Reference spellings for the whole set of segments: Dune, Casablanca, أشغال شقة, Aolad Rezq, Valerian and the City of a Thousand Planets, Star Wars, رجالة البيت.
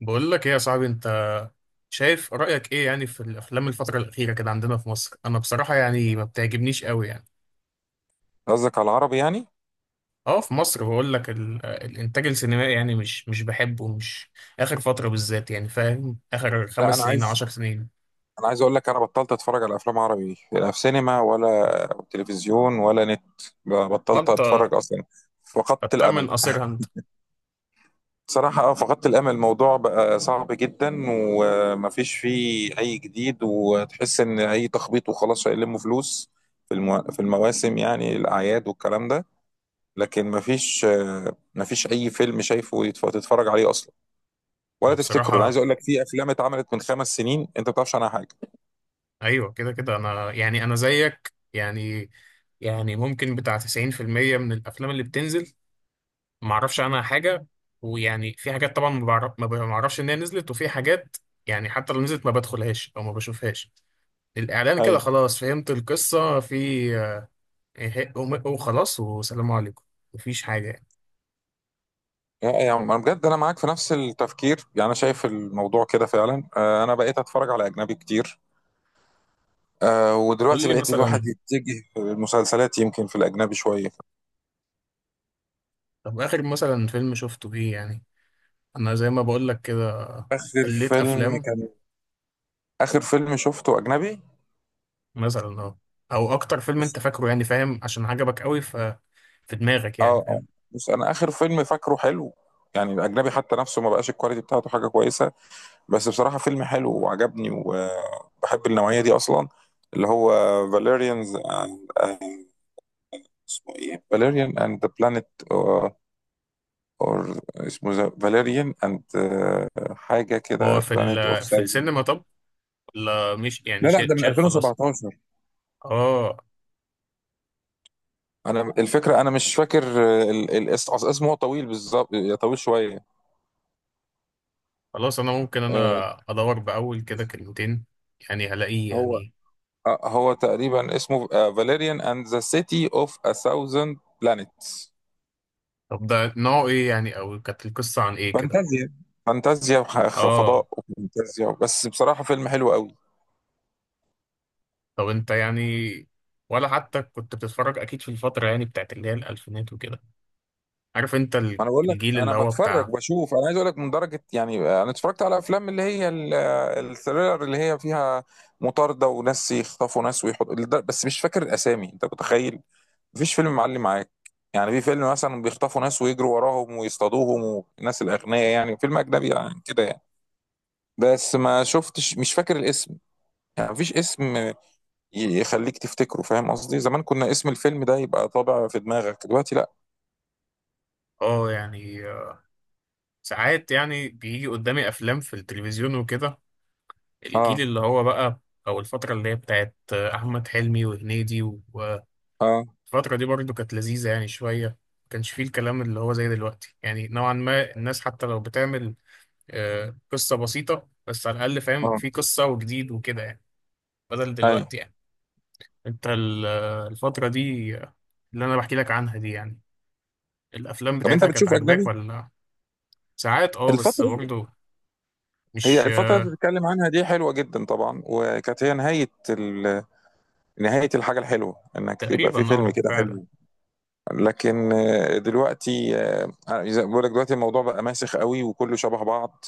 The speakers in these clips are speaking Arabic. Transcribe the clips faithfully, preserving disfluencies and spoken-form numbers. بقول لك ايه يا صاحبي، انت شايف رأيك ايه يعني في الافلام الفترة الأخيرة كده عندنا في مصر؟ انا بصراحة يعني ما بتعجبنيش قوي يعني. قصدك على العربي يعني. اه في مصر بقول لك ال- الانتاج السينمائي يعني مش مش بحبه، مش اخر فترة بالذات يعني، فاهم، اخر لا، خمس انا سنين عايز عشر سنين. انا عايز اقول لك انا بطلت اتفرج على افلام عربي، لا في سينما ولا تلفزيون ولا نت. ب- بطلت وانت اتفرج اصلا، فقدت الامل. بتأمن قصيرها انت. صراحة اه فقدت الامل. الموضوع بقى صعب جدا ومفيش فيه اي جديد، وتحس ان اي تخبيط وخلاص هيلموا فلوس في المو... في المواسم، يعني الاعياد والكلام ده. لكن مفيش، آه، مفيش اي فيلم شايفه يتف- تتفرج عليه اصلا ولا تفتكره. انا عايز وبصراحة، اقول لك في افلام اتعملت من خمس سنين انت ما تعرفش عنها حاجة. ايوه كده كده انا يعني انا زيك يعني. يعني ممكن بتاع تسعين في المية من الافلام اللي بتنزل ما اعرفش عنها حاجه. ويعني في حاجات طبعا ما بعرف ما بعرفش ان هي نزلت، وفي حاجات يعني حتى لو نزلت ما بدخلهاش او ما بشوفهاش. الاعلان كده ايوه. خلاص فهمت القصه في، إيه- وم- وخلاص وسلام عليكم. مفيش حاجه يعني. آه، يعني انا بجد انا معاك في نفس التفكير، يعني انا شايف الموضوع كده فعلا. آه، انا بقيت اتفرج على اجنبي كتير. آه، قول ودلوقتي لي بقيت الواحد مثلا، يتجه المسلسلات يمكن في الاجنبي شويه. طب اخر مثلا فيلم شفته ايه يعني؟ انا زي ما بقول لك كده، اخر قليت فيلم افلام، كان اخر فيلم شفته اجنبي. مثلا اه، او اكتر فيلم انت بس فاكره يعني، فاهم، عشان عجبك قوي ف في دماغك اه يعني، اه فاهم. بس انا اخر فيلم فاكره حلو، يعني الاجنبي حتى نفسه ما بقاش الكواليتي بتاعته حاجه كويسه. بس بصراحه فيلم حلو وعجبني وبحب النوعيه دي اصلا، اللي هو فاليريانز. اسمه ايه، فاليريان اند ذا بلانيت، اور اسمه ذا- فاليريان اند، آه، حاجه هو كده، في بلانيت اوف ال... في ساوزن. السينما طب، ولا مش لا يعني لا، شا- ده من شال خلاص؟ ألفين وسبعتاشر. اه. انا الفكره انا مش فاكر، آه، ال- ال- اس- أصل اسمه هو طويل بالظبط، آه، طويل شويه. خلاص، انا ممكن آه، انا ادور باول كده اس- كلمتين يعني هلاقيه هو يعني. آه، هو تقريبا اسمه فاليريان اند ذا سيتي اوف ا ثاوزند بلانيتس. طب ده نوعه ايه يعني، او كانت القصة عن ايه كده؟ فانتازيا، فانتازيا ح- اه. فضاء وفانتازيا، بس بصراحه فيلم حلو قوي. طب انت يعني، ولا حتى كنت بتتفرج؟ اكيد في الفترة يعني بتاعت اللي هي الالفينات وكده، عارف انت ما ال- انا بقول لك، الجيل انا اللي هو بتفرج بتاع، بشوف، انا عايز اقول لك من درجه، يعني انا اتفرجت على افلام اللي هي ال- الثريلر، اللي هي فيها مطارده وناس يخطفوا ناس ويحطوا ده- بس مش فاكر الاسامي، انت متخيل؟ مفيش فيلم معلي معاك. يعني في فيلم مثلا بيخطفوا ناس ويجروا وراهم ويصطادوهم، والناس الاغنياء، يعني فيلم اجنبي يعني كده يعني. بس ما شفتش، مش فاكر الاسم. يعني مفيش اسم يخليك تفتكره، فاهم قصدي؟ زمان كنا اسم الفيلم ده يبقى طابع في دماغك، دلوقتي لا. اه يعني آه، ساعات يعني بيجي قدامي افلام في التلفزيون وكده، الجيل اه. اللي هو بقى، او الفترة اللي هي بتاعت آه، احمد حلمي وهنيدي. اه. الفترة دي برضو كانت لذيذة يعني شوية، ما كانش فيه الكلام اللي هو زي دلوقتي يعني، نوعا ما الناس حتى لو بتعمل آه، قصة بسيطة، بس على الأقل فاهم اه. في قصة وجديد وكده يعني، بدل اي. دلوقتي يعني. أنت ال- آه، الفترة دي، آه، اللي أنا بحكي لك عنها دي، يعني الأفلام طب انت بتاعتها كانت بتشوف عاجباك اجنبي ولا؟ ساعات أه، بس الفترة؟ برضو مش هي الفترة آه، اللي بتتكلم عنها دي حلوة جدا طبعا، وكانت هي نهاية ال... نهاية الحاجة الحلوة، انك يبقى تقريبا في فيلم أه، كده فعلا. حلو. لكن آه، دلوقتي، آه، زي ما بقول لك دلوقتي الموضوع بقى ماسخ قوي وكله شبه بعض.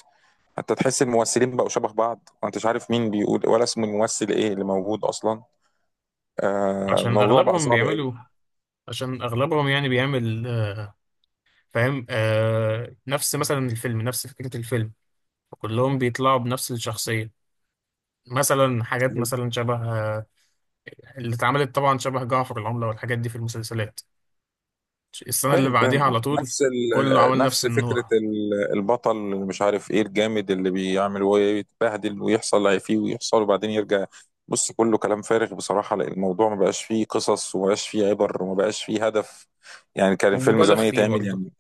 حتى تحس الممثلين بقوا شبه بعض وانت مش عارف مين بيقول ولا اسم الممثل ايه اللي موجود اصلا. آه، عشان الموضوع بقى أغلبهم صعب قوي. بيعملوا عشان أغلبهم يعني بيعمل، آه، فاهم، آه نفس مثلا الفيلم، نفس فكرة الفيلم، كلهم بيطلعوا بنفس الشخصية، مثلا حاجات مثلا شبه، آه، اللي اتعملت طبعا شبه جعفر العملة والحاجات دي في المسلسلات، السنة اللي فاهم، بعديها فاهم، على طول نفس كله ال... عمل نفس نفس فكرة النوع. ال- البطل اللي مش عارف ايه الجامد اللي بيعمل ويتبهدل ويحصل اللي هي فيه، ويحصل، وبعدين يرجع. بص كله كلام فارغ بصراحة، لأن الموضوع ما بقاش فيه قصص، وما بقاش فيه عبر، وما بقاش فيه هدف. يعني كان الفيلم ومبالغ زمان فيه يتعمل برضه، يعني.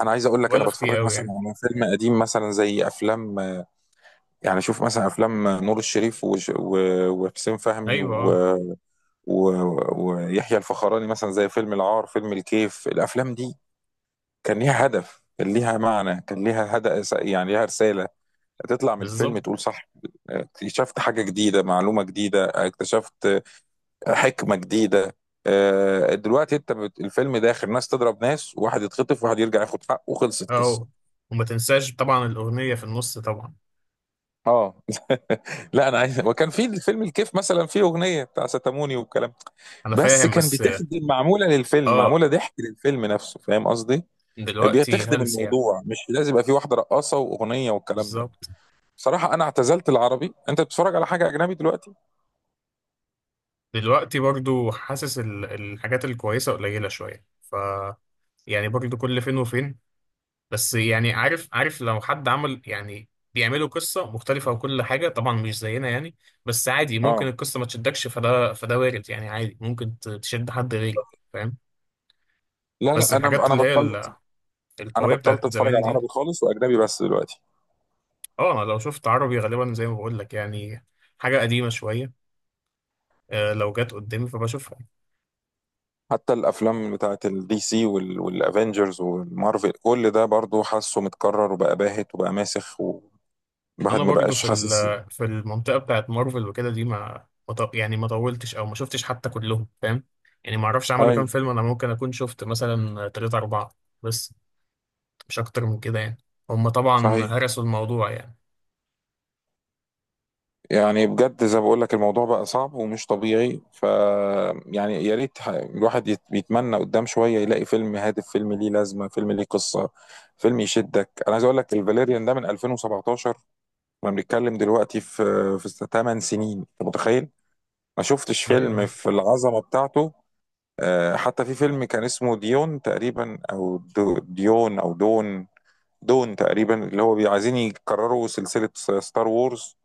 انا عايز اقول لك انا مبالغ فيه بتفرج قوي مثلا يعني. على فيلم قديم مثلا، زي افلام، يعني شوف مثلا افلام نور الشريف وش... و... وحسين فهمي ايوه آه، و... و... ويحيى الفخراني، مثلا زي فيلم العار، فيلم الكيف. الافلام دي كان ليها هدف، كان ليها معنى، كان ليها هدف، يعني ليها رسالة، تطلع من الفيلم بالظبط. تقول صح، اكتشفت حاجة جديدة، معلومة جديدة، اكتشفت حكمة جديدة. آه، دلوقتي انت بت- الفيلم داخل ناس تضرب ناس، واحد يتخطف، واحد يرجع ياخد حقه، وخلصت القصة. اه، وما تنساش طبعا الأغنية في النص طبعا. اه لا انا عايز، وكان في الفيلم الكيف مثلا فيه اغنيه بتاع ستاموني والكلام ده. انا بس فاهم، كان بس اه بتخدم، معموله للفيلم، آه، معموله ضحك للفيلم نفسه، فاهم قصدي؟ دلوقتي بتخدم هلس يعني. الموضوع، مش لازم يبقى في واحده رقاصه واغنيه والكلام ده. بالظبط. بصراحة أنا اعتزلت العربي، أنت بتتفرج على حاجة أجنبي دلوقتي؟ دلوقتي برضه حاسس ال- الحاجات الكويسة قليلة شوية، ف يعني برضه كل فين وفين. بس يعني عارف عارف لو حد عمل يعني، بيعملوا قصة مختلفة وكل حاجة طبعا مش زينا يعني. بس عادي ممكن أه. القصة ما تشدكش، فده فده وارد يعني، عادي ممكن ت- تشد حد غيري، فاهم. لا بس لا، أنا الحاجات أنا اللي هي بطلت، ال- أنا القوية بتاعت بطلت أتفرج على زمان دي، العربي خالص وأجنبي بس دلوقتي. اه انا لو شفت عربي غالبا زي ما بقول لك يعني حاجة قديمة شوية، آه، لو جت قدامي فبشوفها. حتى الأفلام بتاعة الدي سي وال... والأفينجرز والمارفل، كل ده برضو حاسه متكرر وبقى باهت وبقى ماسخ، والواحد انا ما برضو بقاش في حاسس. ال- في المنطقه بتاعت مارفل وكده دي ما ما ط- يعني ما طولتش، او ما شفتش حتى كلهم، فاهم. يعني ما اعرفش عملوا كام أيوه. فيلم، انا ممكن اكون شفت مثلا تلاتة اربعة، بس مش اكتر من كده يعني. هم طبعا صحيح، هرسوا الموضوع يعني. يعني بجد زي ما بقول لك الموضوع بقى صعب ومش طبيعي، ف يعني يا ريت ح- الواحد يت- بيتمنى قدام شويه يلاقي فيلم هادف، فيلم ليه لازمه، فيلم ليه قصه، فيلم يشدك. انا عايز اقول لك الفاليريان ده من ألفين وسبعتاشر، احنا بنتكلم دلوقتي في في 8 سنين، انت متخيل؟ ما شفتش فيلم ايوه. في العظمه بتاعته. آه، حتى في فيلم كان اسمه ديون تقريبا، او دو- ديون او دون دون تقريبا، اللي هو بي- عايزين يكرروا سلسله ستار وورز.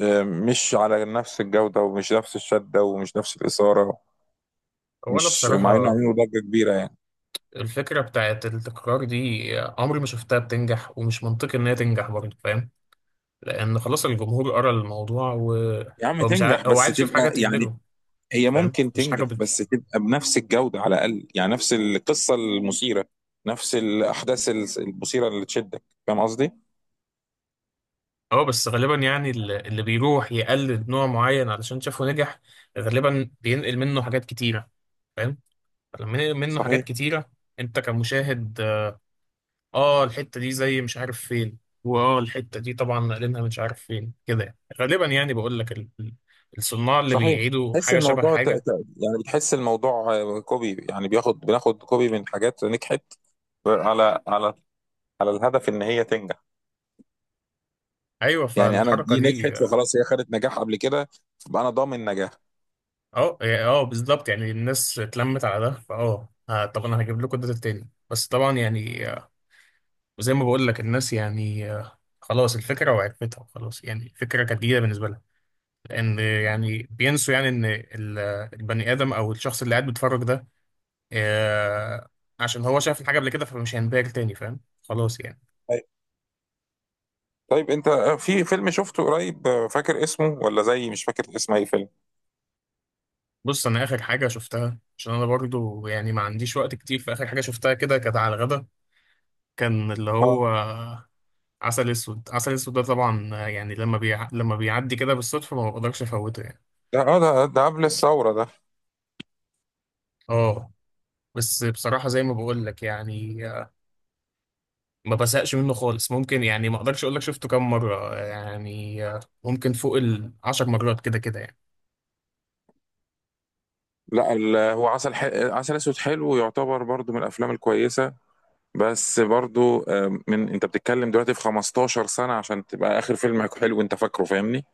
آه، مش على نفس الجودة، ومش نفس الشدة، ومش نفس الإثارة، هو انا مش مع إنه بصراحه، عملوا ضجة كبيرة يعني. الفكره بتاعت التكرار دي عمري ما شفتها بتنجح، ومش منطقي ان هي تنجح برضو، فاهم. لان خلاص الجمهور قرا الموضوع، يا عم وهو مش عا... تنجح، هو بس عايز يشوف حاجه تبقى يعني، تهبله، هي فاهم، ممكن مش تنجح حاجه. بس تبقى بنفس الجودة على الأقل، يعني نفس القصة المثيرة، نفس الأحداث المثيرة اللي تشدك، فاهم قصدي؟ اه بس غالبا يعني ال- اللي بيروح يقلد نوع معين علشان شافه نجح، غالبا بينقل منه حاجات كتيرة، فاهم. لما ينقل منه حاجات صحيح، كتيرة، انت كمشاهد، اه آه، الحتة دي زي مش عارف فين، واه، الحتة دي طبعا نقلنها مش عارف فين كده يعني. غالبا يعني بقول لك ال- ال- الصناع اللي صحيح. بيعيدوا تحس حاجة شبه الموضوع، ت... حاجة. ت... يعني بتحس الموضوع آه، كوبي، يعني بياخد بناخد كوبي من حاجات نجحت، على على على الهدف إن هي تنجح. ايوه، يعني أنا فالحركة دي نجحت، دي اه فخلاص هي خدت نجاح قبل كده، فبقى أنا ضامن نجاح. اه يعني، آه، بالظبط. يعني الناس اتلمت على ده، فاه آه، طب انا هجيب لكم ده تاني، بس طبعا يعني، آه، وزي ما بقول لك الناس يعني آه، خلاص الفكرة، وعرفتها خلاص، يعني الفكرة كانت جديدة بالنسبة لها. لأن يعني بينسوا يعني إن ال- البني آدم أو الشخص اللي قاعد بيتفرج ده، آه، عشان هو شاف الحاجة قبل كده فمش هينبهر تاني، فاهم خلاص يعني. طيب، طيب، انت في فيلم شفته قريب، آه، فاكر اسمه؟ ولا زي مش فاكر اسم اي فيلم؟ بص، أنا آخر حاجة شفتها، عشان أنا برضو يعني ما عنديش وقت كتير، فآخر حاجة شفتها كده كانت على الغدا، كان اللي هو اه. عسل أسود. عسل أسود ده طبعا آه، يعني لما بيع... لما بيعدي كده بالصدفة ما بقدرش أفوته يعني. ده اه ده ده قبل الثورة ده. اه، بس بصراحة زي ما بقول لك، يعني ما بزهقش منه خالص. ممكن يعني ما اقدرش اقول لك شفته كام مره يعني، آه، ممكن فوق العشر مرات كده كده يعني. لا، ال- هو عسل ح... عسل اسود حلو، يعتبر برضو من الافلام الكويسة. بس برضو، آه، من انت بتتكلم دلوقتي في 15 سنة عشان تبقى اخر فيلم حلو انت فاكره، فاهمني؟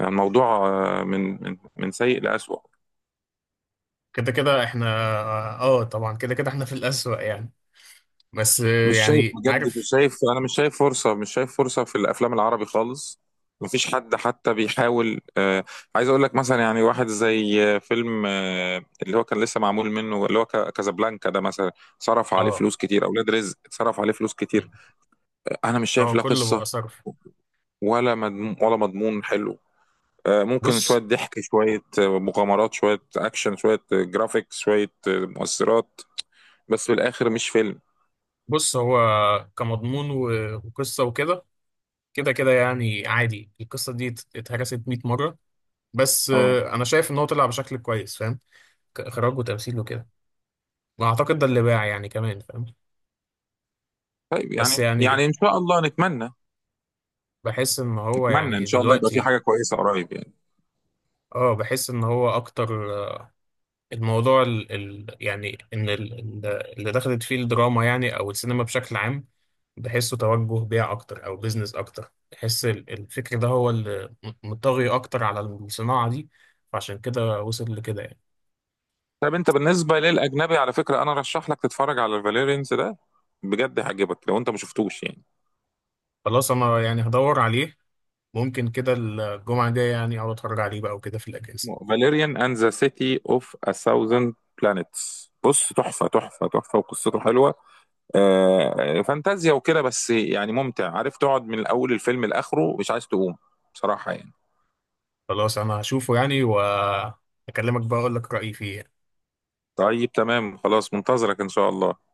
يعني الموضوع، آه، من من من سيء لأسوأ. كده كده احنا، اه آه، طبعا كده كده احنا في الأسوأ يعني. بس آه، مش شايف، يعني بجد عارف، مش شايف، انا مش شايف فرصه، مش شايف فرصه في الافلام العربي خالص. مفيش حد حتى بيحاول. آه عايز اقول لك مثلا، يعني واحد زي آه، فيلم، آه اللي هو كان لسه معمول منه، اللي هو ك- كازابلانكا ده مثلا، صرف عليه اه فلوس كتير، اولاد رزق صرف عليه فلوس كتير. آه، انا مش شايف اه، لا كله قصه، بقى صرف. ولا مضمون، ولا مضمون حلو. آه ممكن شويه بص ضحك، شويه آه، مغامرات، شويه اكشن، شويه آه، جرافيكس، شويه آه، مؤثرات، بس في الاخر مش فيلم. بص هو كمضمون و- وقصه وكده، كده كده يعني عادي القصه دي ات- اتهرست مية مره. بس اه. آه، انا شايف ان هو طلع بشكل كويس، فاهم، كاخراج وتمثيل وكده. واعتقد ده اللي باع يعني كمان، فاهم. طيب، بس يعني يعني يعني ان شاء الله نتمنى، بحس ان هو اتمنى ان يعني شاء الله يبقى في دلوقتي، حاجه كويسه قريب يعني. اه بحس ان هو اكتر، آه، الموضوع ال ال يعني ان ال ال- اللي دخلت فيه الدراما يعني، او السينما بشكل عام، بحسه توجه بيع اكتر او بيزنس اكتر. بحس ال- الفكر ده هو اللي م- مطغي اكتر على الصناعة دي، فعشان كده وصل لكده يعني. طب انت بالنسبه للاجنبي، على فكره انا رشح لك تتفرج على فاليرينز ده، بجد هيعجبك لو انت ما شفتوش يعني. خلاص انا يعني هدور عليه، ممكن كده الجمعة الجاية يعني اقعد اتفرج عليه بقى وكده في الاجازة. فاليريان اند ذا سيتي اوف ا ثاوزند بلانيتس. بص تحفه، تحفه، تحفه، وقصته حلوه. آه فانتازيا وكده، بس يعني ممتع، عارف تقعد من الاول الفيلم لاخره مش عايز تقوم، بصراحه يعني. خلاص انا هشوفه يعني، واكلمك بقى اقول لك رأيي فيه يعني. طيب تمام، خلاص منتظرك ان شاء الله.